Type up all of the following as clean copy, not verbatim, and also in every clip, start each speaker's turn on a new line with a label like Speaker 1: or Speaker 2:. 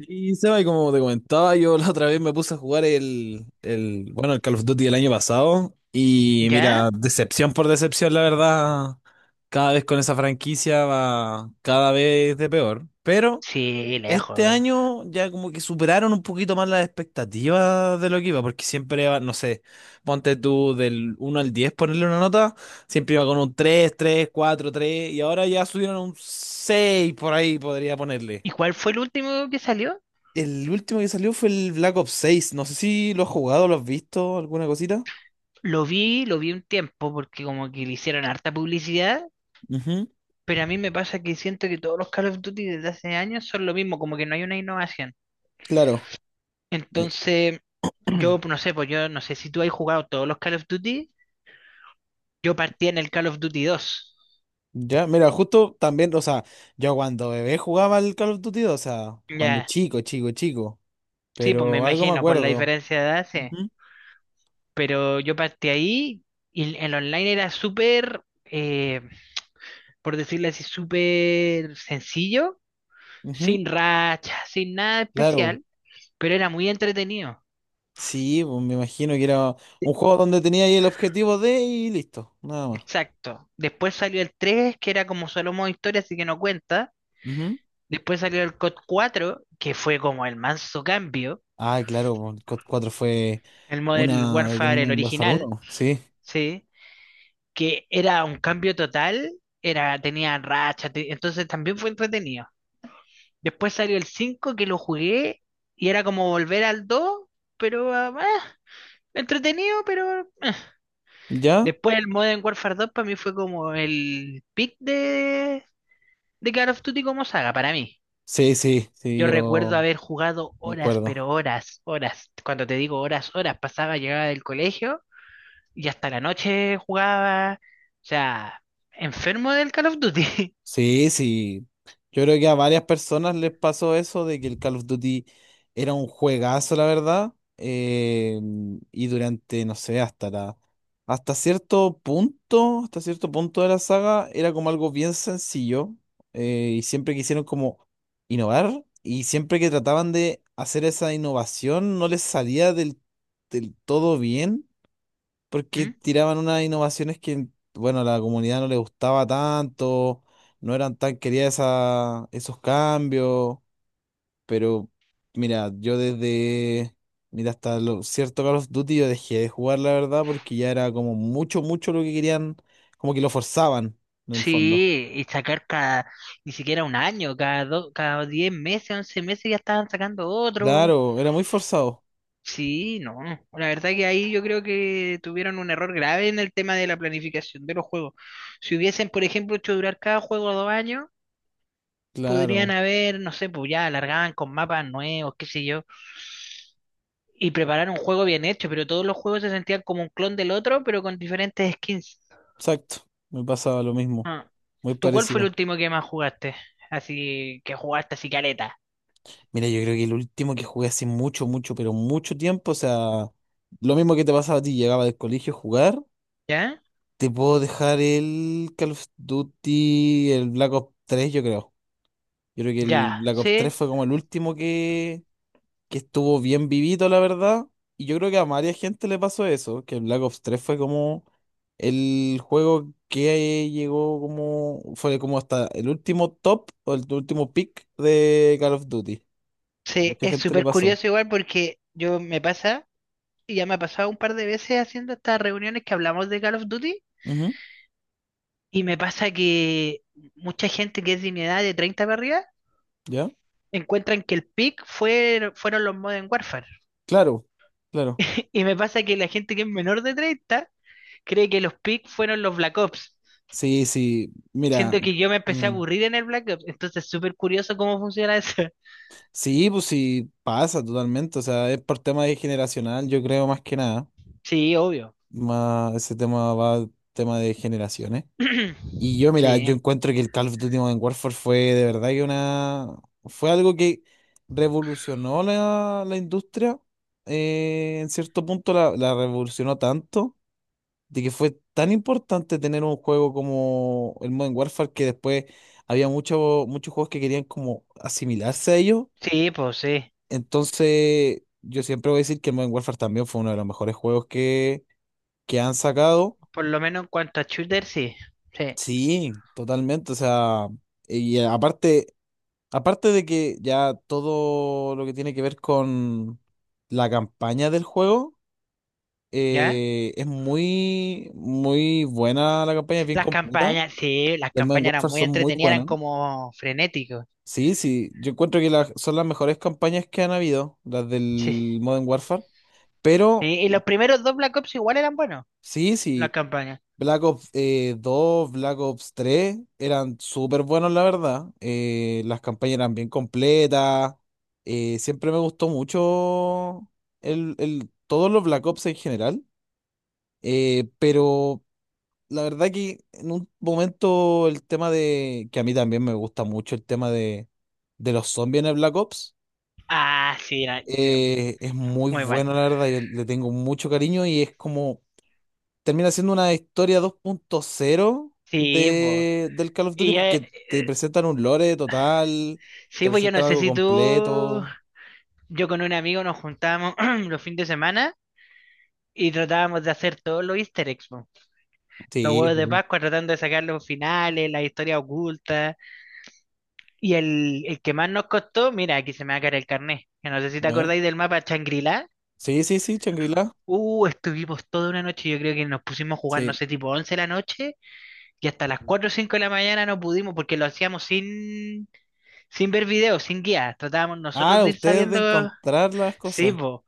Speaker 1: Y Seba, y como te comentaba, yo la otra vez me puse a jugar bueno, el Call of Duty del año pasado. Y
Speaker 2: ¿Ya?
Speaker 1: mira, decepción por decepción, la verdad. Cada vez con esa franquicia va cada vez de peor. Pero
Speaker 2: Sí,
Speaker 1: este
Speaker 2: lejos.
Speaker 1: año ya como que superaron un poquito más las expectativas de lo que iba, porque siempre va, no sé, ponte tú del uno al 10 ponerle una nota, siempre iba con un 3 3 4 3 y ahora ya subieron a un 6 por ahí, podría ponerle.
Speaker 2: ¿Y cuál fue el último que salió?
Speaker 1: El último que salió fue el Black Ops 6. No sé si lo has jugado, lo has visto, alguna cosita.
Speaker 2: Lo vi un tiempo porque como que le hicieron harta publicidad,
Speaker 1: Ujú.
Speaker 2: pero a mí me pasa que siento que todos los Call of Duty desde hace años son lo mismo, como que no hay una innovación.
Speaker 1: Claro. Eh,
Speaker 2: Entonces, yo no sé, pues yo no sé si tú has jugado todos los Call of Duty, yo partí en el Call of Duty 2.
Speaker 1: ya, mira, justo también, o sea, yo cuando bebé jugaba al Call of Duty, o sea, cuando
Speaker 2: Ya,
Speaker 1: chico, chico, chico.
Speaker 2: sí, pues me
Speaker 1: Pero algo me
Speaker 2: imagino, por la
Speaker 1: acuerdo.
Speaker 2: diferencia de edad, sí.
Speaker 1: Ujú,
Speaker 2: Pero yo partí ahí y el online era súper, por decirlo así, súper sencillo,
Speaker 1: ujú.
Speaker 2: sin racha, sin nada
Speaker 1: Claro.
Speaker 2: especial, pero era muy entretenido.
Speaker 1: Sí, pues me imagino que era un juego donde tenía ahí el objetivo de y listo, nada más.
Speaker 2: Exacto. Después salió el tres, que era como solo modo historia, así que no cuenta.
Speaker 1: Ujú.
Speaker 2: Después salió el COD cuatro, que fue como el manso cambio.
Speaker 1: Ah, claro, pues, el COD 4 fue
Speaker 2: El Modern
Speaker 1: una del
Speaker 2: Warfare, el
Speaker 1: Modern Warfare
Speaker 2: original,
Speaker 1: 1, sí.
Speaker 2: ¿sí? Que era un cambio total, era, tenía racha, entonces también fue entretenido. Después salió el 5 que lo jugué, y era como volver al 2, pero entretenido, pero.
Speaker 1: ¿Ya?
Speaker 2: Después el Modern Warfare 2 para mí fue como el pick de Call of Duty como saga, para mí.
Speaker 1: Sí, sí, sí,
Speaker 2: Yo
Speaker 1: yo.
Speaker 2: recuerdo haber jugado
Speaker 1: Me
Speaker 2: horas, pero
Speaker 1: acuerdo.
Speaker 2: horas, horas. Cuando te digo horas, horas, pasaba, llegaba del colegio y hasta la noche jugaba. O sea, enfermo del Call of Duty.
Speaker 1: Sí, sí. Yo creo que a varias personas les pasó eso de que el Call of Duty era un juegazo, la verdad. Y durante, no sé, hasta la, hasta cierto punto de la saga, era como algo bien sencillo. Y siempre quisieron como innovar. Y siempre que trataban de hacer esa innovación, no les salía del todo bien. Porque
Speaker 2: ¿Mm?
Speaker 1: tiraban unas innovaciones que, bueno, a la comunidad no le gustaba tanto, no eran tan queridas esos cambios, pero mira, yo desde, mira, hasta lo cierto Call of Duty yo dejé de jugar, la verdad, porque ya era como mucho, mucho lo que querían, como que lo forzaban, en el fondo.
Speaker 2: Sí, y sacar cada, ni siquiera un año, cada, cada 10 meses, 11 meses ya estaban sacando otro.
Speaker 1: Claro, era muy forzado,
Speaker 2: Sí, no. La verdad que ahí yo creo que tuvieron un error grave en el tema de la planificación de los juegos. Si hubiesen, por ejemplo, hecho durar cada juego 2 años, podrían
Speaker 1: claro,
Speaker 2: haber, no sé, pues ya alargaban con mapas nuevos, qué sé yo, y preparar un juego bien hecho, pero todos los juegos se sentían como un clon del otro, pero con diferentes skins.
Speaker 1: exacto, me pasaba lo mismo,
Speaker 2: Ah.
Speaker 1: muy
Speaker 2: ¿Tú cuál fue el
Speaker 1: parecido.
Speaker 2: último que más jugaste? Así que jugaste así caleta,
Speaker 1: Mira, yo creo que el último que jugué hace mucho, mucho, pero mucho tiempo, o sea, lo mismo que te pasaba a ti, llegaba del colegio a jugar,
Speaker 2: ¿ya?
Speaker 1: te puedo dejar el Call of Duty, el Black Ops 3, yo creo. Yo creo que el
Speaker 2: Ya,
Speaker 1: Black Ops 3
Speaker 2: sí,
Speaker 1: fue como el último que estuvo bien vivito, la verdad. Y yo creo que a varias gente le pasó eso, que el Black Ops 3 fue como el juego que llegó como, fue como hasta el último top o el último pick de Call of Duty. A
Speaker 2: sí,
Speaker 1: mucha
Speaker 2: es
Speaker 1: gente le
Speaker 2: súper
Speaker 1: pasó.
Speaker 2: curioso igual porque yo me pasa. Y ya me ha pasado un par de veces haciendo estas reuniones que hablamos de Call of Duty, y me pasa que mucha gente que es de mi edad, de 30 para arriba,
Speaker 1: ¿Ya?
Speaker 2: encuentran que el pick fue, fueron los Modern Warfare.
Speaker 1: Claro, claro.
Speaker 2: Y me pasa que la gente que es menor de 30 cree que los pick fueron los Black Ops.
Speaker 1: Sí, sí, mira,
Speaker 2: Siento que yo me empecé a
Speaker 1: mm,
Speaker 2: aburrir en el Black Ops, entonces súper curioso cómo funciona eso.
Speaker 1: sí, pues sí, pasa totalmente, o sea, es por tema de generacional, yo creo más que nada,
Speaker 2: Sí, obvio.
Speaker 1: más ese tema va tema de generaciones. Y yo, mira, yo
Speaker 2: Sí,
Speaker 1: encuentro que el Call of Duty Modern Warfare fue de verdad que una, fue algo que revolucionó la industria, en cierto punto la revolucionó tanto de que fue tan importante tener un juego como el Modern Warfare que después había muchos juegos que querían como asimilarse a ellos.
Speaker 2: sí, pues sí.
Speaker 1: Entonces, yo siempre voy a decir que el Modern Warfare también fue uno de los mejores juegos que han sacado.
Speaker 2: Por lo menos en cuanto a shooter, sí. Sí.
Speaker 1: Sí, totalmente. O sea, y aparte, aparte de que ya todo lo que tiene que ver con la campaña del juego,
Speaker 2: ¿Ya?
Speaker 1: es muy, muy buena la campaña, es bien
Speaker 2: Las
Speaker 1: completa.
Speaker 2: campañas, sí, las
Speaker 1: Del Modern
Speaker 2: campañas eran
Speaker 1: Warfare
Speaker 2: muy
Speaker 1: son muy
Speaker 2: entretenidas, eran
Speaker 1: buenas.
Speaker 2: como frenéticos.
Speaker 1: Sí, sí, yo encuentro que son las mejores campañas que han habido, las
Speaker 2: Sí.
Speaker 1: del Modern Warfare. Pero
Speaker 2: Sí, y los primeros dos Black Ops igual eran buenos,
Speaker 1: sí,
Speaker 2: las
Speaker 1: sí,
Speaker 2: campañas.
Speaker 1: Black Ops 2, Black Ops 3 eran súper buenos, la verdad. Las campañas eran bien completas. Siempre me gustó mucho el, todos los Black Ops en general. Pero la verdad que en un momento el tema de, que a mí también me gusta mucho el tema de, los zombies en el Black Ops,
Speaker 2: Ah, sí, era- ya,
Speaker 1: es muy
Speaker 2: muy bueno.
Speaker 1: bueno, la verdad, yo le tengo mucho cariño y es como, termina siendo una historia 2.0
Speaker 2: Sí, pues.
Speaker 1: del Call of Duty
Speaker 2: Y
Speaker 1: porque te presentan un lore total,
Speaker 2: sí,
Speaker 1: te
Speaker 2: pues yo no
Speaker 1: presentan
Speaker 2: sé
Speaker 1: algo
Speaker 2: si tú,
Speaker 1: completo.
Speaker 2: yo con un amigo nos juntábamos los fines de semana y tratábamos de hacer todos los Easter eggs, po. Los
Speaker 1: Sí,
Speaker 2: huevos de
Speaker 1: sí.
Speaker 2: Pascua, tratando de sacar los finales, las historias ocultas. Y el que más nos costó, mira, aquí se me va a caer el carnet. Que no sé si
Speaker 1: A
Speaker 2: te
Speaker 1: ver.
Speaker 2: acordáis del mapa Shangri.
Speaker 1: Sí, sí, sí, Shangri-La.
Speaker 2: Estuvimos toda una noche, yo creo que nos pusimos a jugar, no
Speaker 1: Sí.
Speaker 2: sé, tipo 11 de la noche, y hasta las 4 o 5 de la mañana no pudimos, porque lo hacíamos sin, ver videos, sin guías. Tratábamos nosotros
Speaker 1: Ah,
Speaker 2: de ir
Speaker 1: ustedes de
Speaker 2: sabiendo,
Speaker 1: encontrar las
Speaker 2: sí,
Speaker 1: cosas.
Speaker 2: po.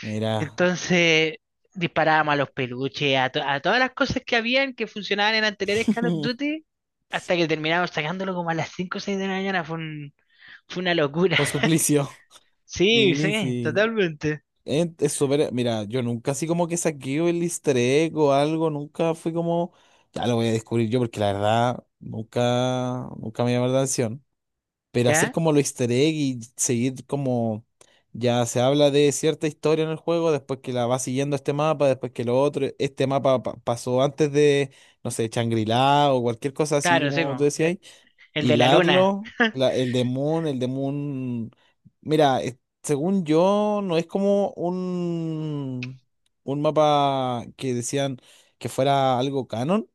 Speaker 1: Mira,
Speaker 2: Entonces disparábamos a los peluches, a todas las cosas que habían que funcionaban en anteriores Call of Duty, hasta que terminamos sacándolo como a las 5 o 6 de la mañana. Fue una locura.
Speaker 1: por suplicio.
Speaker 2: Sí,
Speaker 1: Sí,
Speaker 2: sí,
Speaker 1: sí.
Speaker 2: totalmente.
Speaker 1: Es súper. Mira yo nunca así como que saqué el easter egg o algo, nunca fui como. Ya lo voy a descubrir yo, porque la verdad, nunca, nunca me llamó la atención. Pero hacer
Speaker 2: ¿Ya?
Speaker 1: como lo easter egg y seguir como. Ya se habla de cierta historia en el juego, después que la va siguiendo este mapa, después que lo otro, este mapa pasó antes de, no sé, Shangri-La o cualquier cosa así
Speaker 2: Claro, sí,
Speaker 1: como tú
Speaker 2: po.
Speaker 1: decías
Speaker 2: El de la luna.
Speaker 1: hilarlo, el de Moon, mira, según yo, no es como un mapa que decían que fuera algo canon,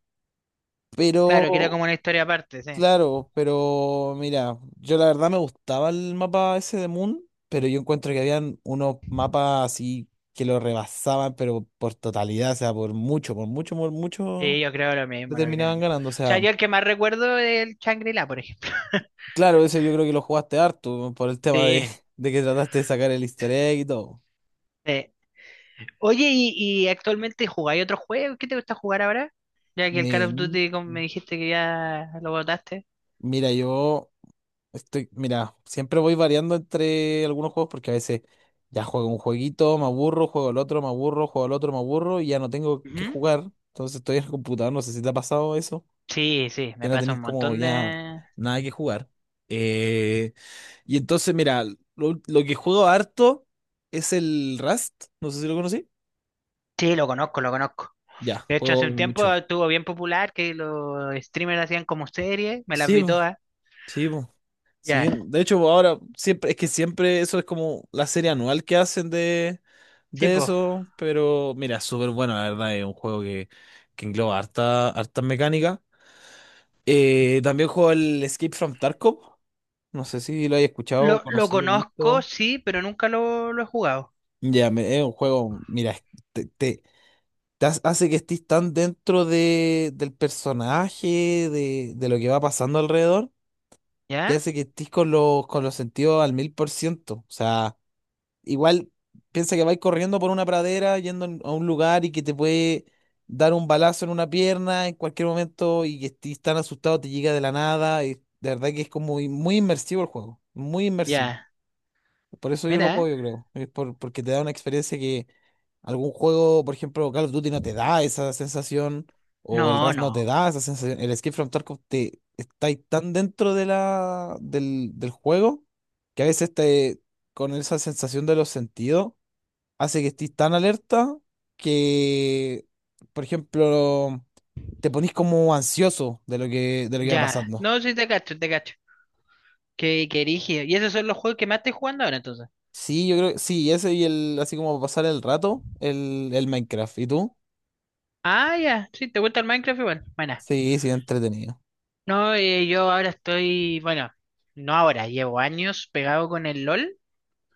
Speaker 2: Claro, que era
Speaker 1: pero
Speaker 2: como una historia aparte, sí.
Speaker 1: claro, pero mira, yo la verdad me gustaba el mapa ese de Moon, pero yo encuentro que habían unos mapas así que lo rebasaban, pero por totalidad, o sea, por mucho, por mucho, por
Speaker 2: Sí,
Speaker 1: mucho,
Speaker 2: yo creo lo
Speaker 1: le
Speaker 2: mismo, lo creo lo
Speaker 1: terminaban
Speaker 2: mismo.
Speaker 1: ganando, o
Speaker 2: O sea,
Speaker 1: sea.
Speaker 2: yo el que más recuerdo es el Shangri-La, por ejemplo.
Speaker 1: Claro, eso yo creo que lo jugaste harto por el tema de,
Speaker 2: Sí.
Speaker 1: de que trataste de sacar el easter egg y todo.
Speaker 2: Sí. Oye, y actualmente jugáis otro juego? ¿Qué te gusta jugar ahora? Ya que el Call of
Speaker 1: Me,
Speaker 2: Duty, como me dijiste, que ya lo botaste.
Speaker 1: mira, yo estoy, mira, siempre voy variando entre algunos juegos porque a veces ya juego un jueguito, me aburro, juego el otro, me aburro, juego el otro, me aburro y ya no tengo que
Speaker 2: Ujú.
Speaker 1: jugar. Entonces estoy en el computador, no sé si te ha pasado eso,
Speaker 2: Sí, sí,
Speaker 1: que
Speaker 2: me
Speaker 1: no
Speaker 2: pasa un
Speaker 1: tenéis como
Speaker 2: montón
Speaker 1: ya
Speaker 2: de...
Speaker 1: nada que jugar. Eh, y entonces, mira, lo que juego harto es el Rust, no sé si lo conocí.
Speaker 2: Sí, lo conozco, lo conozco.
Speaker 1: Ya,
Speaker 2: De hecho,
Speaker 1: juego
Speaker 2: hace un tiempo
Speaker 1: mucho.
Speaker 2: estuvo bien popular que los streamers hacían como series, me las
Speaker 1: Sí,
Speaker 2: vi
Speaker 1: po,
Speaker 2: todas.
Speaker 1: sí, po, sí.
Speaker 2: Ya,
Speaker 1: De hecho, po, ahora siempre, es que siempre eso es como la serie anual que hacen de,
Speaker 2: sí,
Speaker 1: de
Speaker 2: pues.
Speaker 1: eso, pero mira, es súper bueno, la verdad, es un juego que engloba harta, harta mecánica. También juego el Escape from Tarkov, no sé si lo hayas escuchado,
Speaker 2: Lo
Speaker 1: conocido,
Speaker 2: conozco,
Speaker 1: visto.
Speaker 2: sí, pero nunca lo he jugado.
Speaker 1: Ya, es un juego, mira, te, te- te hace que estés tan dentro del personaje, de lo que va pasando alrededor que
Speaker 2: ¿Ya?
Speaker 1: hace que estés con los sentidos al 1000%. O sea, igual piensa que vais corriendo por una pradera, yendo a un lugar y que te puede dar un balazo en una pierna en cualquier momento y que estés tan asustado, te llega de la nada. Y de verdad que es como muy muy inmersivo el juego, muy inmersivo.
Speaker 2: Ya.
Speaker 1: Por eso yo lo
Speaker 2: Mira.
Speaker 1: juego, yo creo. Es por, porque te da una experiencia que algún juego, por ejemplo, Call of Duty no te da esa sensación, o el
Speaker 2: No,
Speaker 1: Rust no te
Speaker 2: no.
Speaker 1: da esa sensación. El Escape from Tarkov te está ahí tan dentro del juego que a veces con esa sensación de los sentidos, hace que estés tan alerta que, por ejemplo, te ponís como ansioso de de lo que va
Speaker 2: Ya,
Speaker 1: pasando.
Speaker 2: no, sí te cacho, te cacho. Qué, qué rígido. ¿Y esos son los juegos que más estoy jugando ahora entonces?
Speaker 1: Sí, yo creo, sí, ese y el, así como para pasar el rato, el Minecraft. ¿Y tú?
Speaker 2: Ah, ya, sí, ¿te gusta el Minecraft igual? Bueno,
Speaker 1: Sí, sí, entretenido.
Speaker 2: no, yo ahora estoy, bueno, no ahora, llevo años pegado con el LOL,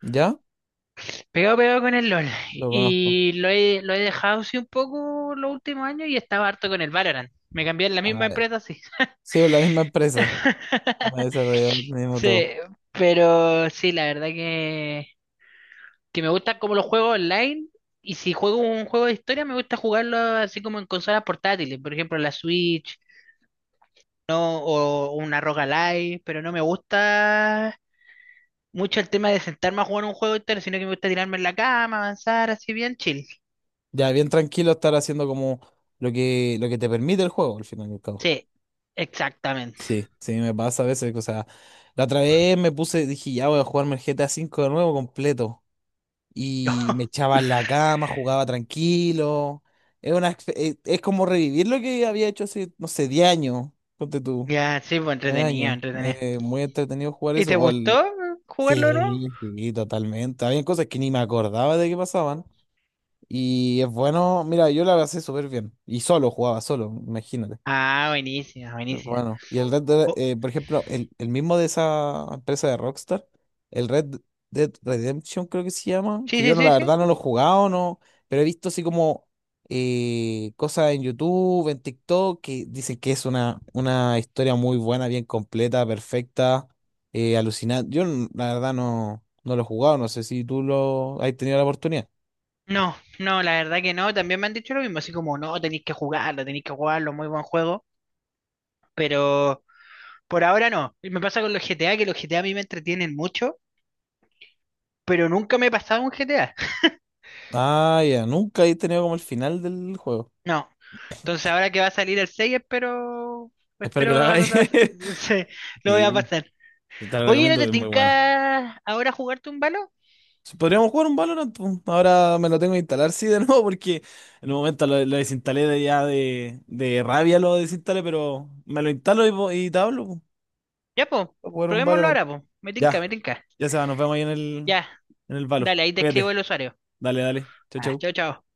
Speaker 1: ¿Ya?
Speaker 2: pegado, pegado con el LOL.
Speaker 1: Lo conozco.
Speaker 2: Y lo he dejado así un poco los últimos años, y estaba harto con el Valorant. Me cambié en la
Speaker 1: Ah,
Speaker 2: misma
Speaker 1: ya.
Speaker 2: empresa, sí.
Speaker 1: Sí, es la misma empresa. Me ha desarrollado el mismo todo.
Speaker 2: Sí, pero sí, la verdad que me gusta como los juegos online. Y si juego un juego de historia, me gusta jugarlo así como en consolas portátiles, por ejemplo la Switch, ¿no? O una Roguelike, pero no me gusta mucho el tema de sentarme a jugar un juego de historia, sino que me gusta tirarme en la cama, avanzar, así bien chill.
Speaker 1: Ya, bien tranquilo estar haciendo como lo que te permite el juego, al final y al cabo.
Speaker 2: Sí, exactamente.
Speaker 1: Sí, sí, me pasa a veces. O sea, la otra vez me puse, dije, ya voy a jugarme el GTA 5 de nuevo completo.
Speaker 2: Yo,
Speaker 1: Y me echaba en la cama, jugaba tranquilo. Es una, exp- es como revivir lo que había hecho hace, no sé, 10 años. Ponte tú,
Speaker 2: ya, sí, pues
Speaker 1: 9
Speaker 2: entretenido,
Speaker 1: años.
Speaker 2: entretenido.
Speaker 1: Muy entretenido jugar
Speaker 2: ¿Y te
Speaker 1: eso. O
Speaker 2: gustó
Speaker 1: al
Speaker 2: jugarlo, no?
Speaker 1: Sí, sí, totalmente. Había cosas que ni me acordaba de que pasaban. Y es bueno, mira, yo la pasé súper bien. Y solo jugaba, solo, imagínate.
Speaker 2: Ah, buenísima, buenísima.
Speaker 1: Bueno, y el Red Dead,
Speaker 2: Oh,
Speaker 1: por ejemplo, el mismo de esa empresa de Rockstar, el Red Dead Redemption creo que se llama,
Speaker 2: sí,
Speaker 1: que yo
Speaker 2: sí,
Speaker 1: no,
Speaker 2: sí,
Speaker 1: la
Speaker 2: sí.
Speaker 1: verdad no lo he jugado, no, pero he visto así como cosas en YouTube, en TikTok, que dicen que es una, historia muy buena, bien completa, perfecta, alucinante. La verdad no, no lo he jugado, no sé si tú lo has tenido la oportunidad.
Speaker 2: No, no, la verdad que no. También me han dicho lo mismo, así como, no, tenéis que jugarlo, muy buen juego. Pero por ahora no. Y me pasa con los GTA, que los GTA a mí me entretienen mucho, pero nunca me he pasado un GTA.
Speaker 1: Ah, ya, nunca he tenido como el final del juego.
Speaker 2: No. Entonces ahora que va a salir el 6, espero,
Speaker 1: Espero que
Speaker 2: espero
Speaker 1: lo hagáis.
Speaker 2: se- lo voy a
Speaker 1: Sí,
Speaker 2: pasar.
Speaker 1: te lo
Speaker 2: Oye, ¿no
Speaker 1: recomiendo,
Speaker 2: te
Speaker 1: es muy bueno.
Speaker 2: tinca ahora jugarte un balo?
Speaker 1: Sí, podríamos jugar un Valorant, po. Ahora me lo tengo que instalar, sí, de nuevo, porque en un momento lo desinstalé de ya de rabia, lo desinstalé, pero me lo instalo y, y te hablo, po.
Speaker 2: Ya, po,
Speaker 1: Para jugar un
Speaker 2: probémoslo
Speaker 1: Valorant.
Speaker 2: ahora, po. Me tinca,
Speaker 1: Ya,
Speaker 2: me tinca.
Speaker 1: ya se va, nos vemos ahí
Speaker 2: Ya,
Speaker 1: en el Valo.
Speaker 2: dale, ahí te escribo el
Speaker 1: Cuídate.
Speaker 2: usuario.
Speaker 1: Dale, dale. Chau,
Speaker 2: Ah,
Speaker 1: chau.
Speaker 2: chao, chao.